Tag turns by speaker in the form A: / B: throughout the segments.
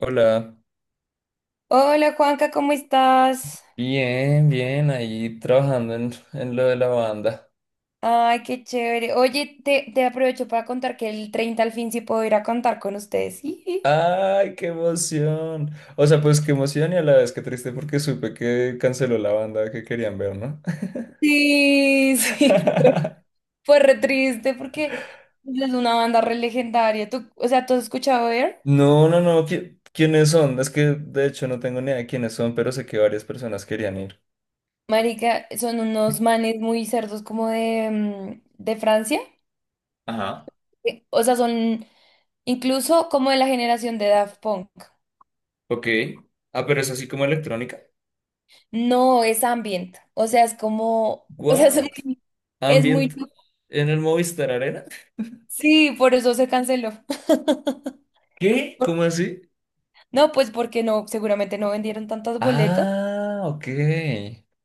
A: Hola,
B: Hola Juanca, ¿cómo estás?
A: bien, bien, ahí trabajando en lo de la banda.
B: Ay, qué chévere. Oye, te aprovecho para contar que el 30 al fin sí puedo ir a contar con ustedes. Jiji.
A: ¡Ay, qué emoción! O sea, pues qué emoción y a la vez qué triste porque supe que canceló la banda que querían ver, ¿no?
B: Sí, sí, fue re triste porque es una banda re legendaria. ¿Tú has escuchado Air?
A: No, no, no, ¿quiénes son? Es que de hecho no tengo ni idea de quiénes son, pero sé que varias personas querían ir.
B: Marica, son unos manes muy cerdos como de de Francia.
A: Ajá,
B: O sea, son incluso como de la generación de Daft Punk.
A: ok. Ah, pero es así como electrónica.
B: No, es ambient. O sea, es como, o sea,
A: ¿What?
B: es muy
A: ¿Ambient
B: loco.
A: en el Movistar Arena?
B: Sí, por eso se canceló.
A: ¿Qué? ¿Cómo así?
B: No, pues porque no, seguramente no vendieron tantas boletas.
A: Ah, ok,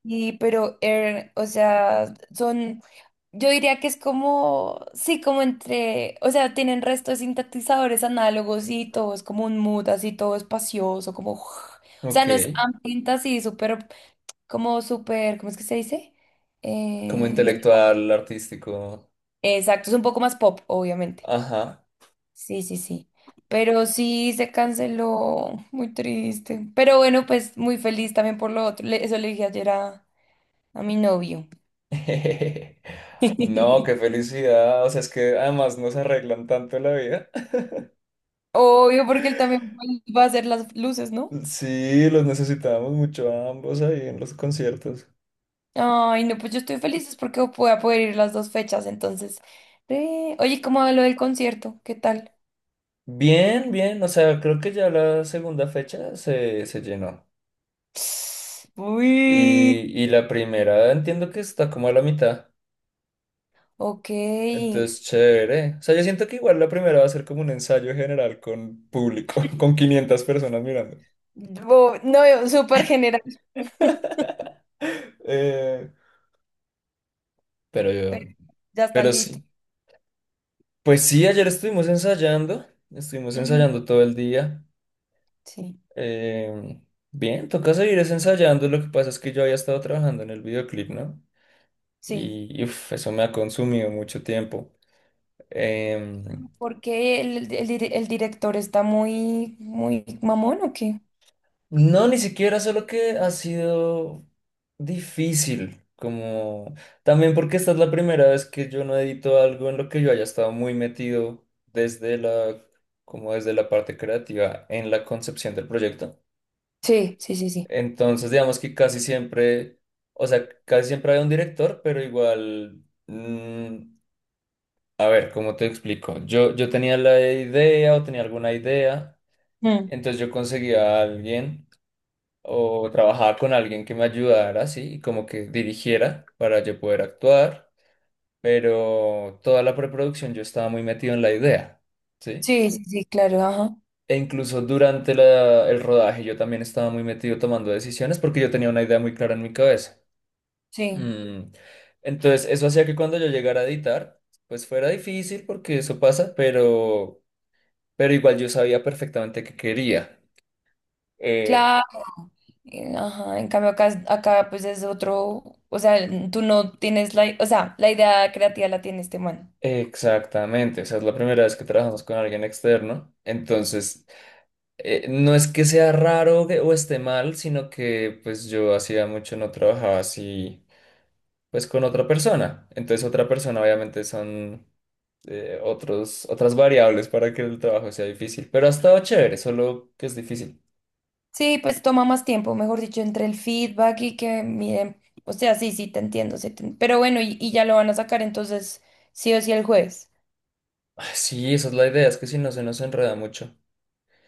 B: Y pero Air, o sea, son, yo diría que es como, sí, como entre, o sea, tienen restos sintetizadores análogos y todo es como un mood así todo espacioso, como, o sea,
A: ok.
B: no es ambiente así súper, como súper, ¿cómo es que se dice?
A: Como
B: Sí,
A: intelectual, artístico.
B: exacto, es un poco más pop, obviamente.
A: Ajá.
B: Sí, sí, sí. Pero sí se canceló. Muy triste. Pero bueno, pues muy feliz también por lo otro. Eso le dije ayer a mi novio.
A: No, qué felicidad. O sea, es que además nos arreglan tanto la vida.
B: Obvio, porque él también va a hacer las luces, ¿no?
A: Sí, los necesitábamos mucho a ambos ahí en los conciertos.
B: Ay, no, pues yo estoy feliz es porque voy a poder ir las 2 fechas, entonces. Oye, ¿cómo va lo del concierto? ¿Qué tal?
A: Bien, bien. O sea, creo que ya la segunda fecha se llenó.
B: Uy,
A: Y la primera entiendo que está como a la mitad.
B: ok.
A: Entonces, chévere. O sea, yo siento que igual la primera va a ser como un ensayo general con público, con 500 personas mirando.
B: No, súper general,
A: Eh, pero
B: pero ya están
A: pero
B: listos.
A: sí. Pues sí, ayer estuvimos
B: Ujú,
A: ensayando todo el día.
B: sí,
A: em, bien, toca seguir es ensayando, lo que pasa es que yo había estado trabajando en el videoclip, ¿no?
B: sí.
A: Y uf, eso me ha consumido mucho tiempo. Em,
B: Porque el director está muy mamón, ¿o qué?
A: no, ni siquiera, solo que ha sido difícil, como también porque esta es la primera vez que yo no edito algo en lo que yo haya estado muy metido desde como desde la parte creativa en la concepción del proyecto.
B: Sí, sí, sí, sí.
A: Entonces, digamos que casi siempre, o sea, casi siempre había un director, pero igual, a ver, ¿cómo te explico? Yo tenía la idea o tenía alguna idea,
B: Mm.
A: entonces yo conseguía a alguien o trabajaba con alguien que me ayudara, sí, y como que dirigiera para yo poder actuar, pero toda la preproducción yo estaba muy metido en la idea, ¿sí?
B: Sí, sí, sí, claro, ajá.
A: E incluso durante el rodaje yo también estaba muy metido tomando decisiones porque yo tenía una idea muy clara en mi cabeza.
B: Sí,
A: Mm, Entonces, eso hacía que cuando yo llegara a editar, pues fuera difícil porque eso pasa, pero igual yo sabía perfectamente qué quería. Eh,
B: claro. Ajá. En cambio acá, acá pues es otro, o sea, tú no tienes la, o sea, la idea creativa la tiene este man.
A: exactamente, o sea, es la primera vez que trabajamos con alguien externo, entonces no es que sea raro o esté mal, sino que pues yo hacía mucho no trabajaba así, pues con otra persona. Entonces otra persona obviamente son otros, otras variables para que el trabajo sea difícil, pero ha estado chévere, solo que es difícil.
B: Sí, pues toma más tiempo, mejor dicho, entre el feedback y que miren, o sea, sí, sí, te entiendo, sí, pero bueno, y ya lo van a sacar entonces sí o sí el jueves.
A: Ah, sí, esa es la idea, es que si no se nos enreda mucho.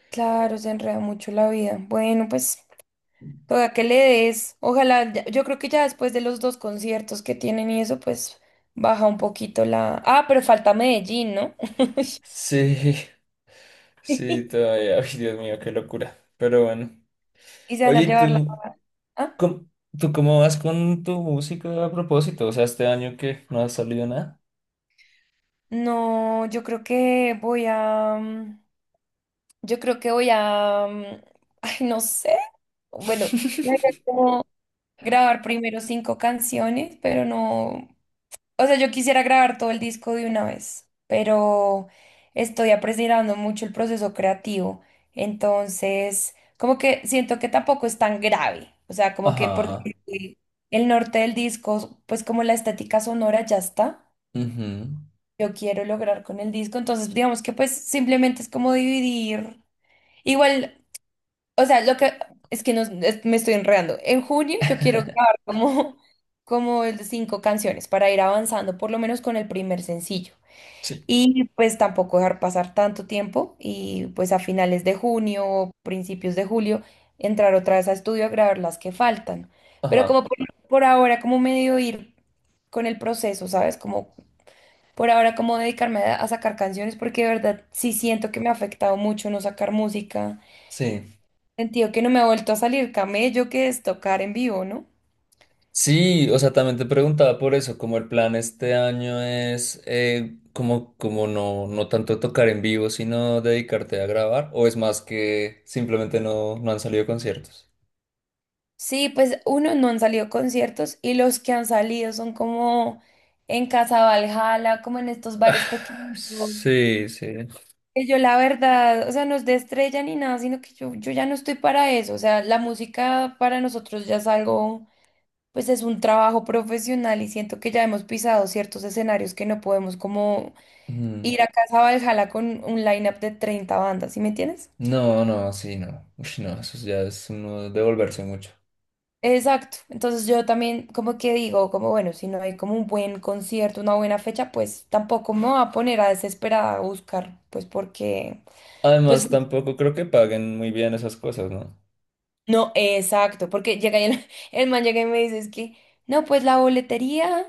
B: Claro, se enreda mucho la vida. Bueno, pues. Toda que le des. Ojalá, yo creo que ya después de los 2 conciertos que tienen y eso, pues baja un poquito la. Ah, pero falta Medellín, ¿no?
A: Sí, sí, todavía. Ay, Dios mío, qué locura. Pero bueno.
B: Y se van a
A: Oye, ¿y
B: llevar la. Ah,
A: cómo, tú cómo vas con tu música a propósito? O sea, este año que no ha salido nada.
B: no, yo creo que yo creo que ay, no sé. Bueno, la idea es como grabar primero 5 canciones, pero no. O sea, yo quisiera grabar todo el disco de una vez, pero estoy apreciando mucho el proceso creativo. Entonces, como que siento que tampoco es tan grave. O sea, como que porque
A: Ajá.
B: el norte del disco, pues como la estética sonora ya está
A: Ujú,
B: yo quiero lograr con el disco. Entonces, digamos que pues simplemente es como dividir. Igual, o sea, lo que es que no, me estoy enredando. En junio yo quiero grabar como, como el de 5 canciones para ir avanzando, por lo menos con el primer sencillo.
A: sí.
B: Y pues tampoco dejar pasar tanto tiempo y pues a finales de junio o principios de julio entrar otra vez a estudio a grabar las que faltan. Pero
A: Ajá.
B: como por ahora, como medio ir con el proceso, ¿sabes? Como por ahora, como dedicarme a sacar canciones porque de verdad sí siento que me ha afectado mucho no sacar música.
A: Sí.
B: Sentido que no me ha vuelto a salir camello que es tocar en vivo, ¿no?
A: Sí, o sea, también te preguntaba por eso, como el plan este año es como, como no, no tanto tocar en vivo, sino dedicarte a grabar, o es más que simplemente no, no han salido conciertos.
B: Sí, pues uno no han salido conciertos y los que han salido son como en Casa Valhalla, como en estos bares pequeños.
A: Sí, sí.
B: Que yo la verdad, o sea, no es de estrella ni nada, sino que yo ya no estoy para eso. O sea, la música para nosotros ya es algo, pues es un trabajo profesional y siento que ya hemos pisado ciertos escenarios que no podemos como
A: Mm,
B: ir a Casa Valhalla con un line-up de 30 bandas, ¿sí me entiendes?
A: no, no, sí, no. Uy, no, eso ya es uno devolverse mucho.
B: Exacto. Entonces yo también como que digo, como bueno, si no hay como un buen concierto, una buena fecha, pues tampoco me voy a poner a desesperada a buscar, pues porque, pues
A: Además, tampoco creo que paguen muy bien esas cosas, ¿no?
B: no, exacto, porque llega y el, el man llega y me dice, es que, no, pues la boletería,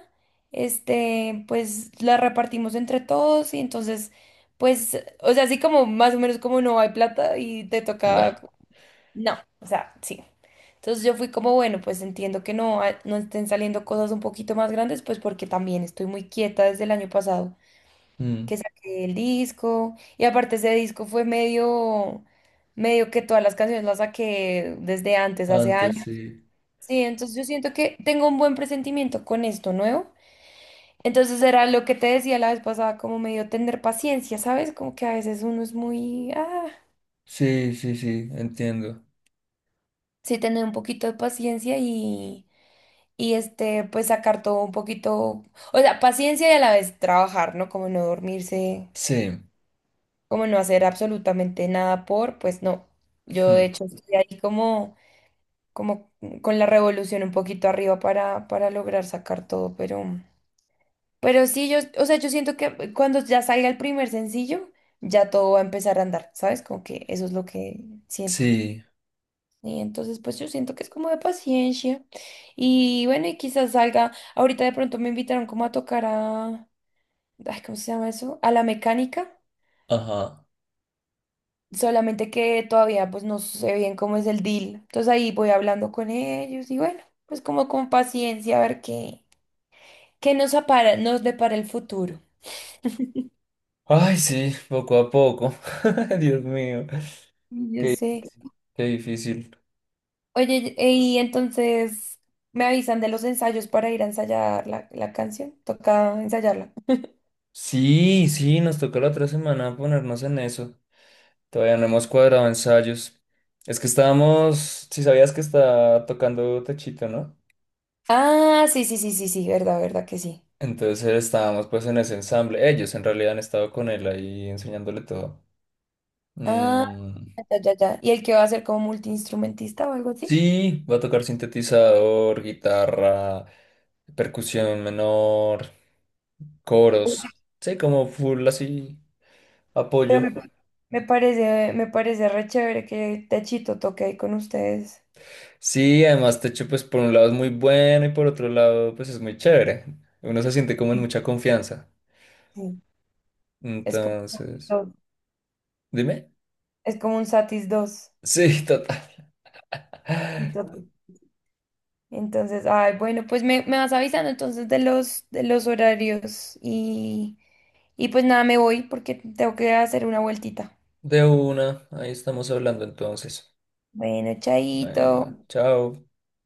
B: este, pues la repartimos entre todos y entonces, pues, o sea, así como más o menos como no hay plata y te
A: No.
B: toca no, o sea, sí. Entonces yo fui como, bueno, pues entiendo que no, ah, no estén saliendo cosas un poquito más grandes, pues porque también estoy muy quieta desde el año pasado, que
A: Mm,
B: saqué el disco, y aparte ese disco fue medio, medio que todas las canciones las saqué desde antes, hace
A: antes
B: años.
A: sí.
B: Sí, entonces yo siento que tengo un buen presentimiento con esto nuevo. Entonces era lo que te decía la vez pasada, como medio tener paciencia, ¿sabes? Como que a veces uno es muy, ah,
A: Sí, sí, sí, entiendo.
B: sí, tener un poquito de paciencia y este, pues sacar todo un poquito, o sea, paciencia y a la vez trabajar, ¿no? Como no dormirse,
A: Sí.
B: como no hacer absolutamente nada por, pues no. Yo
A: Ujú,
B: de hecho estoy ahí como, como con la revolución un poquito arriba para lograr sacar todo, pero sí, yo, o sea, yo siento que cuando ya salga el primer sencillo, ya todo va a empezar a andar, ¿sabes? Como que eso es lo que siento.
A: sí.
B: Y entonces, pues yo siento que es como de paciencia. Y bueno, y quizás salga. Ahorita de pronto me invitaron como a tocar a. Ay, ¿cómo se llama eso? A la mecánica.
A: Ajá.
B: Solamente que todavía pues no sé bien cómo es el deal. Entonces ahí voy hablando con ellos y bueno, pues como con paciencia a ver qué, nos depara el futuro.
A: Ay, sí, poco a poco. Dios mío,
B: Y yo
A: qué,
B: sé.
A: qué difícil.
B: Oye, y entonces me avisan de los ensayos para ir a ensayar la canción. Toca ensayarla.
A: Sí, sí, nos toca la otra semana ponernos en eso. Todavía no hemos cuadrado ensayos. Es que estábamos, si sabías que está tocando Techito, ¿no?
B: Ah, sí, sí, sí, sí, sí, verdad, verdad que sí.
A: Entonces estábamos pues en ese ensamble. Ellos en realidad han estado con él ahí enseñándole todo.
B: Ah,
A: Mm,
B: ya, ya, ya. ¿Y el que va a ser como multiinstrumentista o algo así?
A: sí, va a tocar sintetizador, guitarra, percusión menor,
B: Uy,
A: coros. Sí, como full así.
B: pero
A: Apoyo.
B: me parece re chévere que Techito toque ahí con ustedes.
A: Sí, además Techo pues por un lado es muy bueno y por otro lado pues es muy chévere. Uno se siente como en mucha confianza.
B: Sí. Es como un Satis
A: Entonces,
B: dos,
A: dime.
B: es como un Satis 2.
A: Sí, total.
B: Sí, total. Entonces, ay, bueno, pues me vas avisando entonces de los horarios y pues nada, me voy porque tengo que hacer una vueltita.
A: De una, ahí estamos hablando entonces.
B: Bueno,
A: Bueno,
B: chaito.
A: chao.